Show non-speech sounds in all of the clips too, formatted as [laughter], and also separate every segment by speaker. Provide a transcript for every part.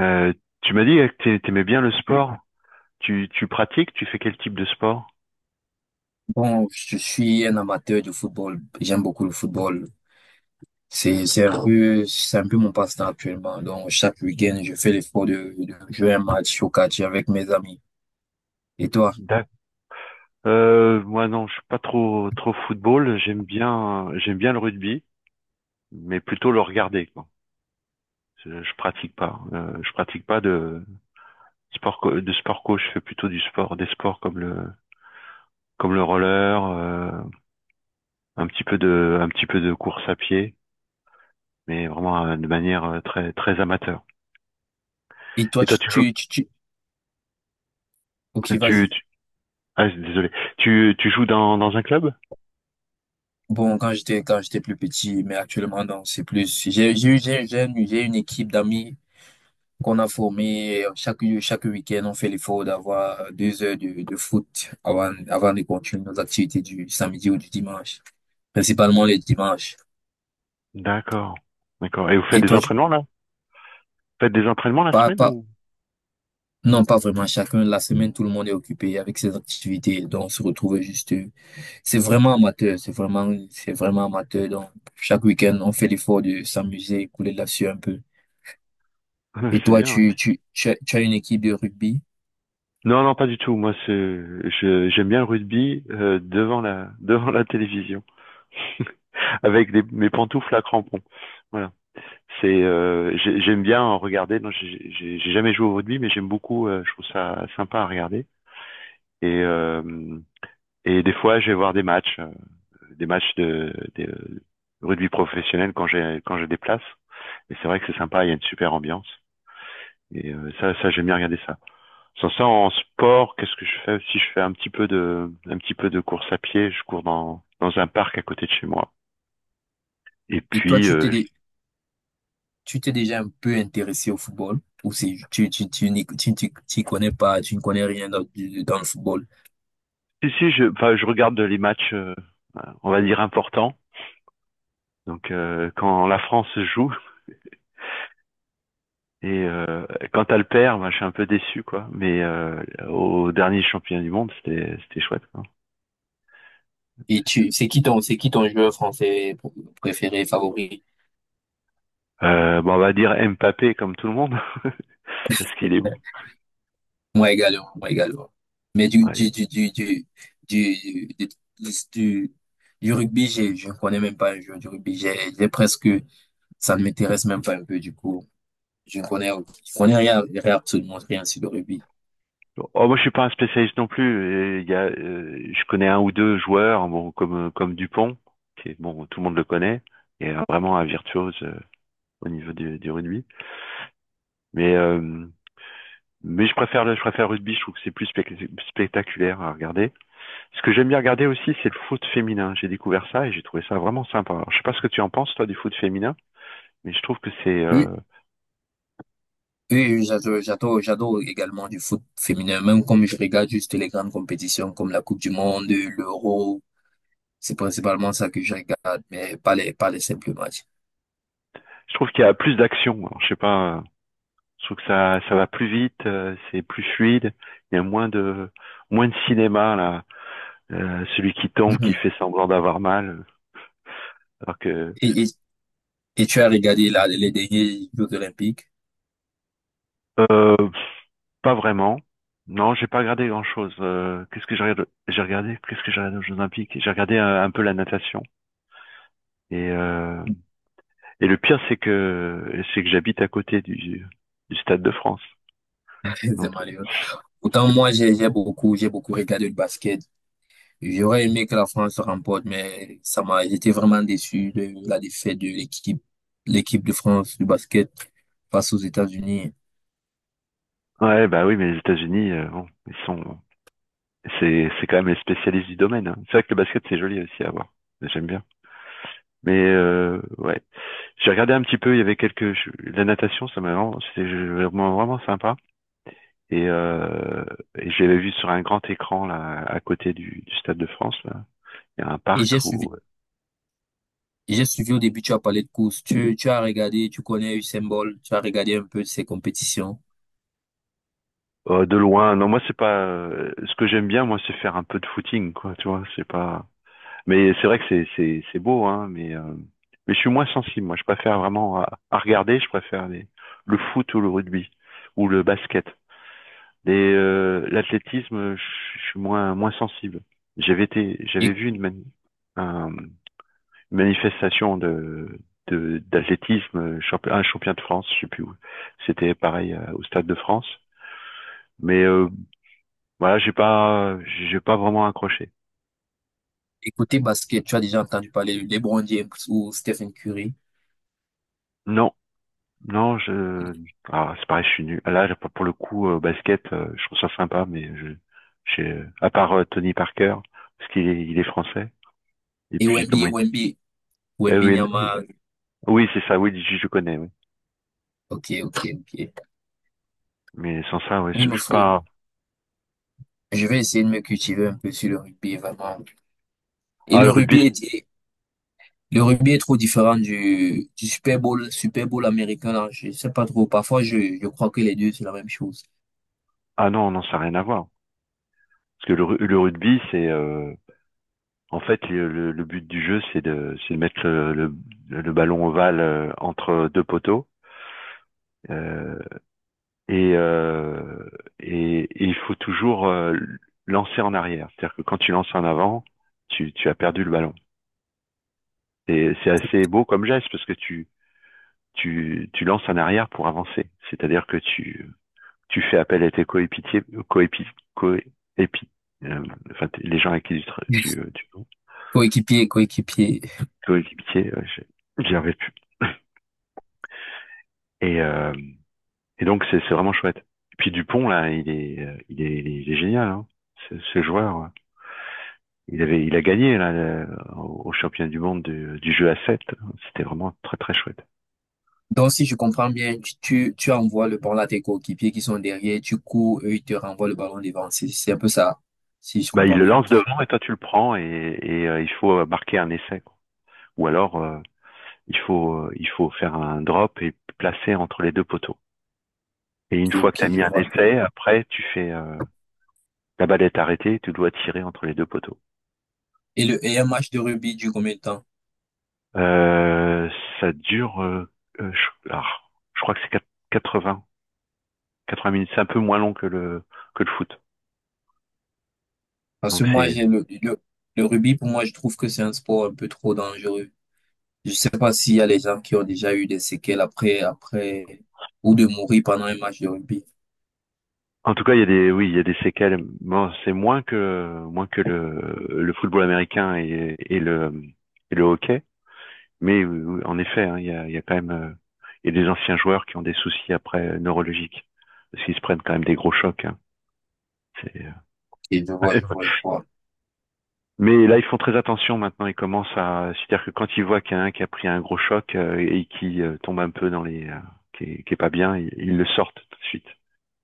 Speaker 1: Euh, Tu m'as dit que tu aimais bien le sport. Tu pratiques, tu fais quel type de sport?
Speaker 2: Bon, je suis un amateur de football. J'aime beaucoup le football. C'est un peu mon passe-temps actuellement. Donc, chaque week-end, je fais l'effort de jouer un match au catch avec mes amis. Et toi?
Speaker 1: D'ac- Moi non, je suis pas trop football. J'aime bien le rugby, mais plutôt le regarder, quoi. Je pratique pas. Je pratique pas de de sport co. Je fais plutôt du sport des sports comme le roller, un petit peu de un petit peu de course à pied, mais vraiment de manière très très amateur.
Speaker 2: Et toi,
Speaker 1: Et toi,
Speaker 2: tu,
Speaker 1: tu joues
Speaker 2: tu, tu, tu... Ok,
Speaker 1: tu tu
Speaker 2: vas-y.
Speaker 1: Ah, désolé. Tu joues dans un club?
Speaker 2: Bon, quand j'étais plus petit, mais actuellement, non, c'est plus, j'ai, eu- j'ai une équipe d'amis qu'on a formée. Chaque week-end, on fait l'effort d'avoir deux heures de foot avant de continuer nos activités du samedi ou du dimanche. Principalement les dimanches.
Speaker 1: D'accord. D'accord. Et vous faites
Speaker 2: Et
Speaker 1: des
Speaker 2: toi, tu,
Speaker 1: entraînements là? Faites des entraînements la
Speaker 2: Pas,
Speaker 1: semaine
Speaker 2: pas,
Speaker 1: ou?
Speaker 2: non, pas vraiment. Chacun, la semaine, tout le monde est occupé avec ses activités. Donc, on se retrouve juste. C'est vraiment amateur. C'est vraiment amateur. Donc, chaque week-end, on fait l'effort de s'amuser, couler là-dessus un peu. Et
Speaker 1: [laughs] C'est
Speaker 2: toi,
Speaker 1: bien. Hein.
Speaker 2: tu as une équipe de rugby.
Speaker 1: Non, non, pas du tout. Moi, c'est, je, j'aime bien le rugby devant la, [laughs] devant la télévision avec des, mes pantoufles à crampons. Voilà. C'est, j'aime bien en regarder. Non, j'ai jamais joué au rugby, mais j'aime beaucoup. Je trouve ça sympa à regarder. Et euh, et des fois, je vais voir des matchs de, des, rugby professionnel quand je déplace. Et c'est vrai que c'est sympa. Il y a une super ambiance. Et ça, ça j'aime bien regarder ça. Sans ça, en sport, qu'est-ce que je fais aussi? Je fais un petit peu de course à pied. Je cours dans un parc à côté de chez moi. Et
Speaker 2: Et toi,
Speaker 1: puis,
Speaker 2: tu t'es, dé- tu t'es déjà un peu intéressé au football. Ou c'est, tu y connais pas, tu ne connais rien dans, dans le football.
Speaker 1: si si, je enfin, je regarde les matchs, on va dire importants. Donc quand la France joue et quand elle perd, moi, je suis un peu déçu quoi. Mais au dernier championnat du monde, c'était chouette. Quoi.
Speaker 2: Et tu, c'est qui ton joueur français préféré, favori?
Speaker 1: Bon, on va dire Mbappé comme tout le monde [laughs] parce qu'il est beau.
Speaker 2: Moi également. Mais
Speaker 1: Ouais, il-
Speaker 2: du, du, du- du rugby, je ne connais même pas un joueur du rugby. J'ai presque, ça ne m'intéresse même pas un peu du coup. Je ne connais, je connais rien, rien, absolument rien sur le rugby.
Speaker 1: Oh, moi je suis pas un spécialiste non plus. Il y a, je connais un ou deux joueurs, bon comme Dupont, qui est bon, tout le monde le connaît, et vraiment un virtuose au niveau du rugby. Mais euh, mais je préfère le rugby. Je trouve que c'est plus spectaculaire à regarder. Ce que j'aime bien regarder aussi, c'est le foot féminin. J'ai découvert ça et j'ai trouvé ça vraiment sympa. Alors, je sais pas ce que tu en penses, toi, du foot féminin, mais je trouve que c'est,
Speaker 2: Oui, oui, oui, j'adore également du foot féminin, même comme je regarde juste les grandes compétitions comme la Coupe du Monde, l'Euro. C'est principalement ça que je regarde, mais pas les simples matchs. [laughs]
Speaker 1: je trouve qu'il y a plus d'action. Alors, je sais pas, je trouve que ça va plus vite, c'est plus fluide. Il y a moins de cinéma là. Celui qui tombe, qui
Speaker 2: Mhm.
Speaker 1: fait semblant d'avoir mal. Alors que,
Speaker 2: Et, et, et tu as regardé là, les derniers Jeux Olympiques?
Speaker 1: euh, pas vraiment. Non, j'ai pas regardé grand-chose. Qu'est-ce que j'ai regardé? Qu'est-ce que j'ai regardé aux Jeux Olympiques? J'ai regardé un peu la natation et et le pire, c'est que j'habite à côté du Stade de France.
Speaker 2: [laughs] C'est
Speaker 1: Donc,
Speaker 2: malheureux. Pourtant, moi, j'ai beaucoup regardé le basket. J'aurais aimé que la France remporte, mais ça m'a, j'étais vraiment déçu de la défaite de l'équipe de France du basket face aux États-Unis.
Speaker 1: ouais, bah oui, mais les États-Unis, bon, ils sont, c'est quand même les spécialistes du domaine. Hein. C'est vrai que le basket, c'est joli aussi à voir. J'aime bien. Mais ouais, j'ai regardé un petit peu. Il y avait quelques, la natation, ça m'a vraiment, vraiment sympa. Et, euh, et je vu sur un grand écran là, à côté du Stade de France. Là. Il y a un
Speaker 2: Et
Speaker 1: parc
Speaker 2: j'ai suivi,
Speaker 1: où,
Speaker 2: j'ai suivi au début, tu as parlé de course. Tu as regardé, tu connais Usain Bolt, tu as regardé un peu ses compétitions.
Speaker 1: de loin, non, moi c'est pas. Ce que j'aime bien, moi, c'est faire un peu de footing, quoi. Tu vois, c'est pas. Mais c'est vrai que c'est beau, hein. Mais je suis moins sensible. Moi, je préfère vraiment à regarder. Je préfère le foot ou le rugby ou le basket. Les l'athlétisme, je suis moins sensible. J'avais
Speaker 2: Et,
Speaker 1: vu une un, manifestation de d'athlétisme, un champion de France, je sais plus où. C'était pareil au Stade de France. Mais voilà, j'ai pas vraiment accroché.
Speaker 2: et côté basket, tu as déjà entendu parler de LeBron James ou Stephen Curry.
Speaker 1: Non, non, je ah c'est pareil, je suis nul. Là pour le coup basket, je trouve ça sympa, mais je j'ai à part Tony Parker parce qu'il est français. Et
Speaker 2: Et
Speaker 1: puis
Speaker 2: Wemby,
Speaker 1: comment
Speaker 2: et
Speaker 1: il...
Speaker 2: Wemby,
Speaker 1: eh oui, Oui.
Speaker 2: Wembanyama,
Speaker 1: Oui c'est ça, oui je connais. Oui.
Speaker 2: ok, ok, ok.
Speaker 1: Mais sans ça, ouais,
Speaker 2: Oui,
Speaker 1: je
Speaker 2: me
Speaker 1: suis
Speaker 2: faut.
Speaker 1: pas.
Speaker 2: Je vais essayer de me cultiver un peu sur le rugby, vraiment. Et
Speaker 1: Ah
Speaker 2: le
Speaker 1: le rugby,
Speaker 2: rugby
Speaker 1: c'est-
Speaker 2: est, le rugby est trop différent du Super Bowl, Super Bowl américain, là. Je sais pas trop. Parfois, je crois que les deux, c'est la même chose.
Speaker 1: ah non non ça n'a rien à voir. Parce que le rugby c'est en fait, le but du jeu, c'est de mettre le ballon ovale entre deux poteaux. euh, et, et il faut toujours lancer en arrière. C'est-à-dire que quand tu lances en avant, tu as perdu le ballon. Et c'est assez beau comme geste parce que tu lances en arrière pour avancer. C'est-à-dire que tu fais appel à tes coéquipiers, coépi, coépi, euh, enfin, les gens avec qui
Speaker 2: [laughs]
Speaker 1: tu
Speaker 2: Coéquipier, coéquipier.
Speaker 1: coéquipiers, j'y arrive plus. Et, et donc, c'est vraiment chouette. Et puis Dupont, là, il est génial, hein, ce joueur. Il a gagné là au au championnat du monde du jeu à 7. C'était vraiment très très chouette.
Speaker 2: Donc, si je comprends bien, tu envoies le ballon à tes coéquipiers qui sont derrière, tu cours, eux, ils te renvoient le ballon devant. C'est un peu ça. Si je
Speaker 1: Bah, il
Speaker 2: comprends
Speaker 1: le
Speaker 2: bien.
Speaker 1: lance devant et toi tu le prends et il faut marquer un essai. Quoi. Ou alors il faut faire un drop et placer entre les deux poteaux. Et une
Speaker 2: Ok,
Speaker 1: fois que tu
Speaker 2: ok,
Speaker 1: as
Speaker 2: je
Speaker 1: mis un
Speaker 2: vois un peu.
Speaker 1: essai, après tu fais la balle est arrêtée, tu dois tirer entre les deux poteaux.
Speaker 2: Et un match de rugby dure combien de temps?
Speaker 1: Euh, ça dure, euh, alors, je crois que c'est 80, 80 minutes. C'est un peu moins long que le foot.
Speaker 2: Parce que
Speaker 1: Donc
Speaker 2: moi,
Speaker 1: c'est,
Speaker 2: le rugby, pour moi, je trouve que c'est un sport un peu trop dangereux. Je sais pas s'il y a les gens qui ont déjà eu des séquelles après, ou de mourir pendant un match de rugby.
Speaker 1: en tout cas, il y a des, oui, il y a des séquelles. Bon, c'est moins que le football américain et le hockey. Mais en effet, hein, il y a quand même, il y a des anciens joueurs qui ont des soucis après neurologiques parce qu'ils se prennent quand même des gros chocs. Hein. C'est
Speaker 2: Et je vois, je
Speaker 1: [laughs]
Speaker 2: vois, je vois.
Speaker 1: mais là, ils font très attention maintenant. Ils commencent à, c'est-à-dire que quand ils voient qu'il y en a un qui a pris un gros choc et qui tombe un peu dans qui est pas bien, ils le sortent tout de suite.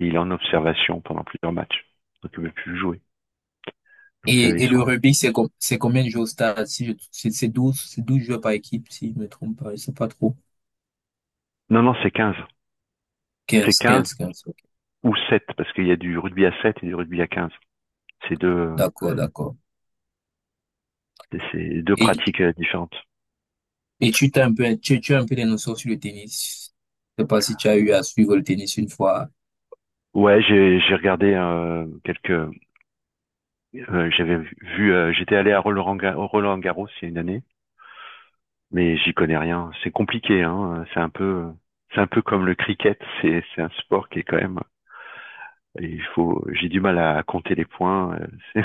Speaker 1: Et il est en observation pendant plusieurs matchs. Donc il ne peut plus jouer. Donc ils
Speaker 2: Et
Speaker 1: sont.
Speaker 2: le rugby, c'est combien de joueurs au stade? Si je- c'est 12, c'est 12 joueurs par équipe, si je me trompe pas, je sais pas trop.
Speaker 1: Non, non, c'est 15. C'est
Speaker 2: quinze
Speaker 1: 15
Speaker 2: quinze quinze ok.
Speaker 1: ou 7 parce qu'il y a du rugby à 7 et du rugby à 15. C'est deux,
Speaker 2: D'accord, d'accord.
Speaker 1: c'est deux
Speaker 2: Et,
Speaker 1: pratiques différentes.
Speaker 2: et tu as un peu des notions sur le tennis. Je sais pas si tu as eu à suivre le tennis une fois.
Speaker 1: Ouais, j'ai regardé quelques. J'avais vu. J'étais allé à Roland Garros il y a une année. Mais j'y connais rien. C'est compliqué, hein. C'est un peu comme le cricket. C'est un sport qui est quand même, il faut, j'ai du mal à compter les points. [laughs] C'est,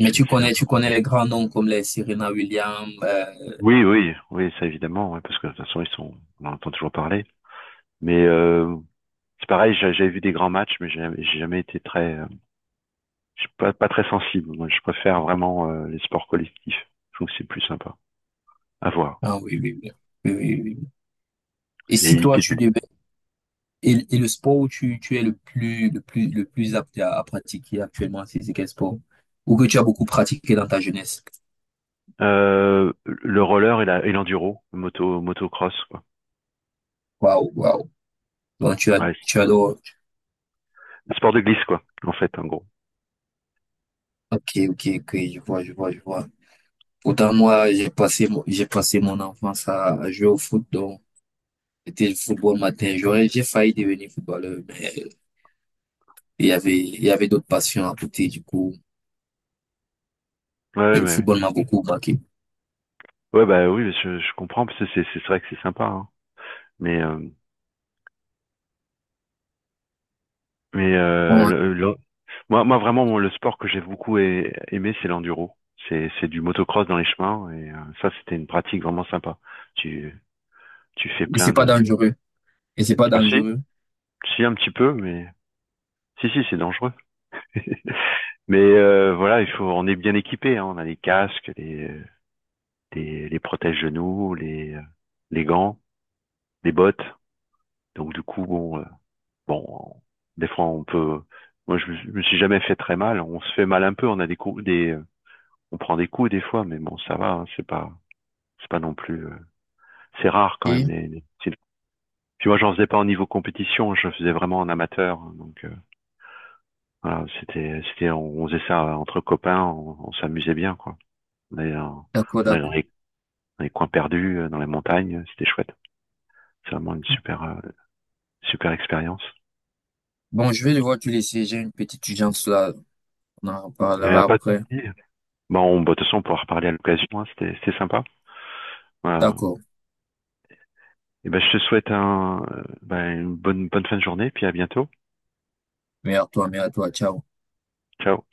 Speaker 2: Mais tu
Speaker 1: c'est un
Speaker 2: connais,
Speaker 1: peu
Speaker 2: tu connais
Speaker 1: complexe.
Speaker 2: les grands noms comme les Serena Williams.
Speaker 1: Oui, oui, oui, ça évidemment, ouais, parce que de toute façon ils sont, on en entend toujours parler. Mais c'est pareil, j'avais vu des grands matchs, mais j'ai jamais été très, je suis pas, pas très sensible. Moi, je préfère vraiment les sports collectifs. Je trouve que c'est plus sympa à voir.
Speaker 2: Ah oui. Et
Speaker 1: J'ai
Speaker 2: si toi,
Speaker 1: évité de-
Speaker 2: tu devais, et le sport où tu es le plus apte à pratiquer actuellement, c'est quel sport? Ou que tu as beaucoup pratiqué dans ta jeunesse?
Speaker 1: Le roller et, la, et l'enduro, moto, motocross, quoi.
Speaker 2: Waouh, waouh. Donc, tu as,
Speaker 1: Ouais,
Speaker 2: tu adores.
Speaker 1: sport de glisse, quoi, en fait, en gros.
Speaker 2: Ok, ok, ok, je vois. Autant moi, j'ai passé mon enfance à jouer au foot, donc c'était le football matin. J'ai failli devenir footballeur, mais il y avait d'autres passions à côté, du coup.
Speaker 1: Ouais,
Speaker 2: Et le
Speaker 1: ouais,
Speaker 2: football m'a beaucoup marqué.
Speaker 1: ouais, bah oui, je comprends, parce que c'est vrai que c'est sympa, hein. Mais, euh, mais
Speaker 2: Bon,
Speaker 1: moi, moi, vraiment, le sport que j'ai beaucoup aimé, c'est l'enduro. C'est du motocross dans les chemins, et ça, c'était une pratique vraiment sympa. Tu, Tu fais
Speaker 2: et c'est
Speaker 1: plein
Speaker 2: pas
Speaker 1: de...
Speaker 2: dangereux. Et c'est pas
Speaker 1: Ah si,
Speaker 2: dangereux.
Speaker 1: si, un petit peu, mais... Si, si, c'est dangereux. Mais voilà, il faut, on est bien équipé, hein. On a les casques, les protège-genoux, les gants, les bottes. Donc du coup, bon... Bon, des fois on peut. Moi, je me suis jamais fait très mal. On se fait mal un peu. On a des coups, des, on prend des coups des fois, mais bon, ça va. Hein, c'est pas non plus. C'est rare quand même.
Speaker 2: Ok,
Speaker 1: Puis moi, j'en faisais pas au niveau compétition. Je faisais vraiment en amateur. Hein, donc voilà, c'était, on faisait ça entre copains. On s'amusait bien, quoi. On allait dans,
Speaker 2: d'accord,
Speaker 1: on allait dans
Speaker 2: d'accord.
Speaker 1: dans les coins perdus, dans les montagnes. C'était chouette. C'est vraiment une super, super expérience.
Speaker 2: Bon, je vais devoir te laisser. J'ai une petite urgence là. On en
Speaker 1: Et
Speaker 2: reparlera
Speaker 1: à pas de
Speaker 2: après.
Speaker 1: souci. Bon, bah, de toute façon, on pourra reparler à l'occasion. Hein, c'était sympa. Voilà.
Speaker 2: D'accord.
Speaker 1: Et ben, je te souhaite ben, une bonne fin de journée, puis à bientôt.
Speaker 2: Mais à toi. Ciao.
Speaker 1: Ciao.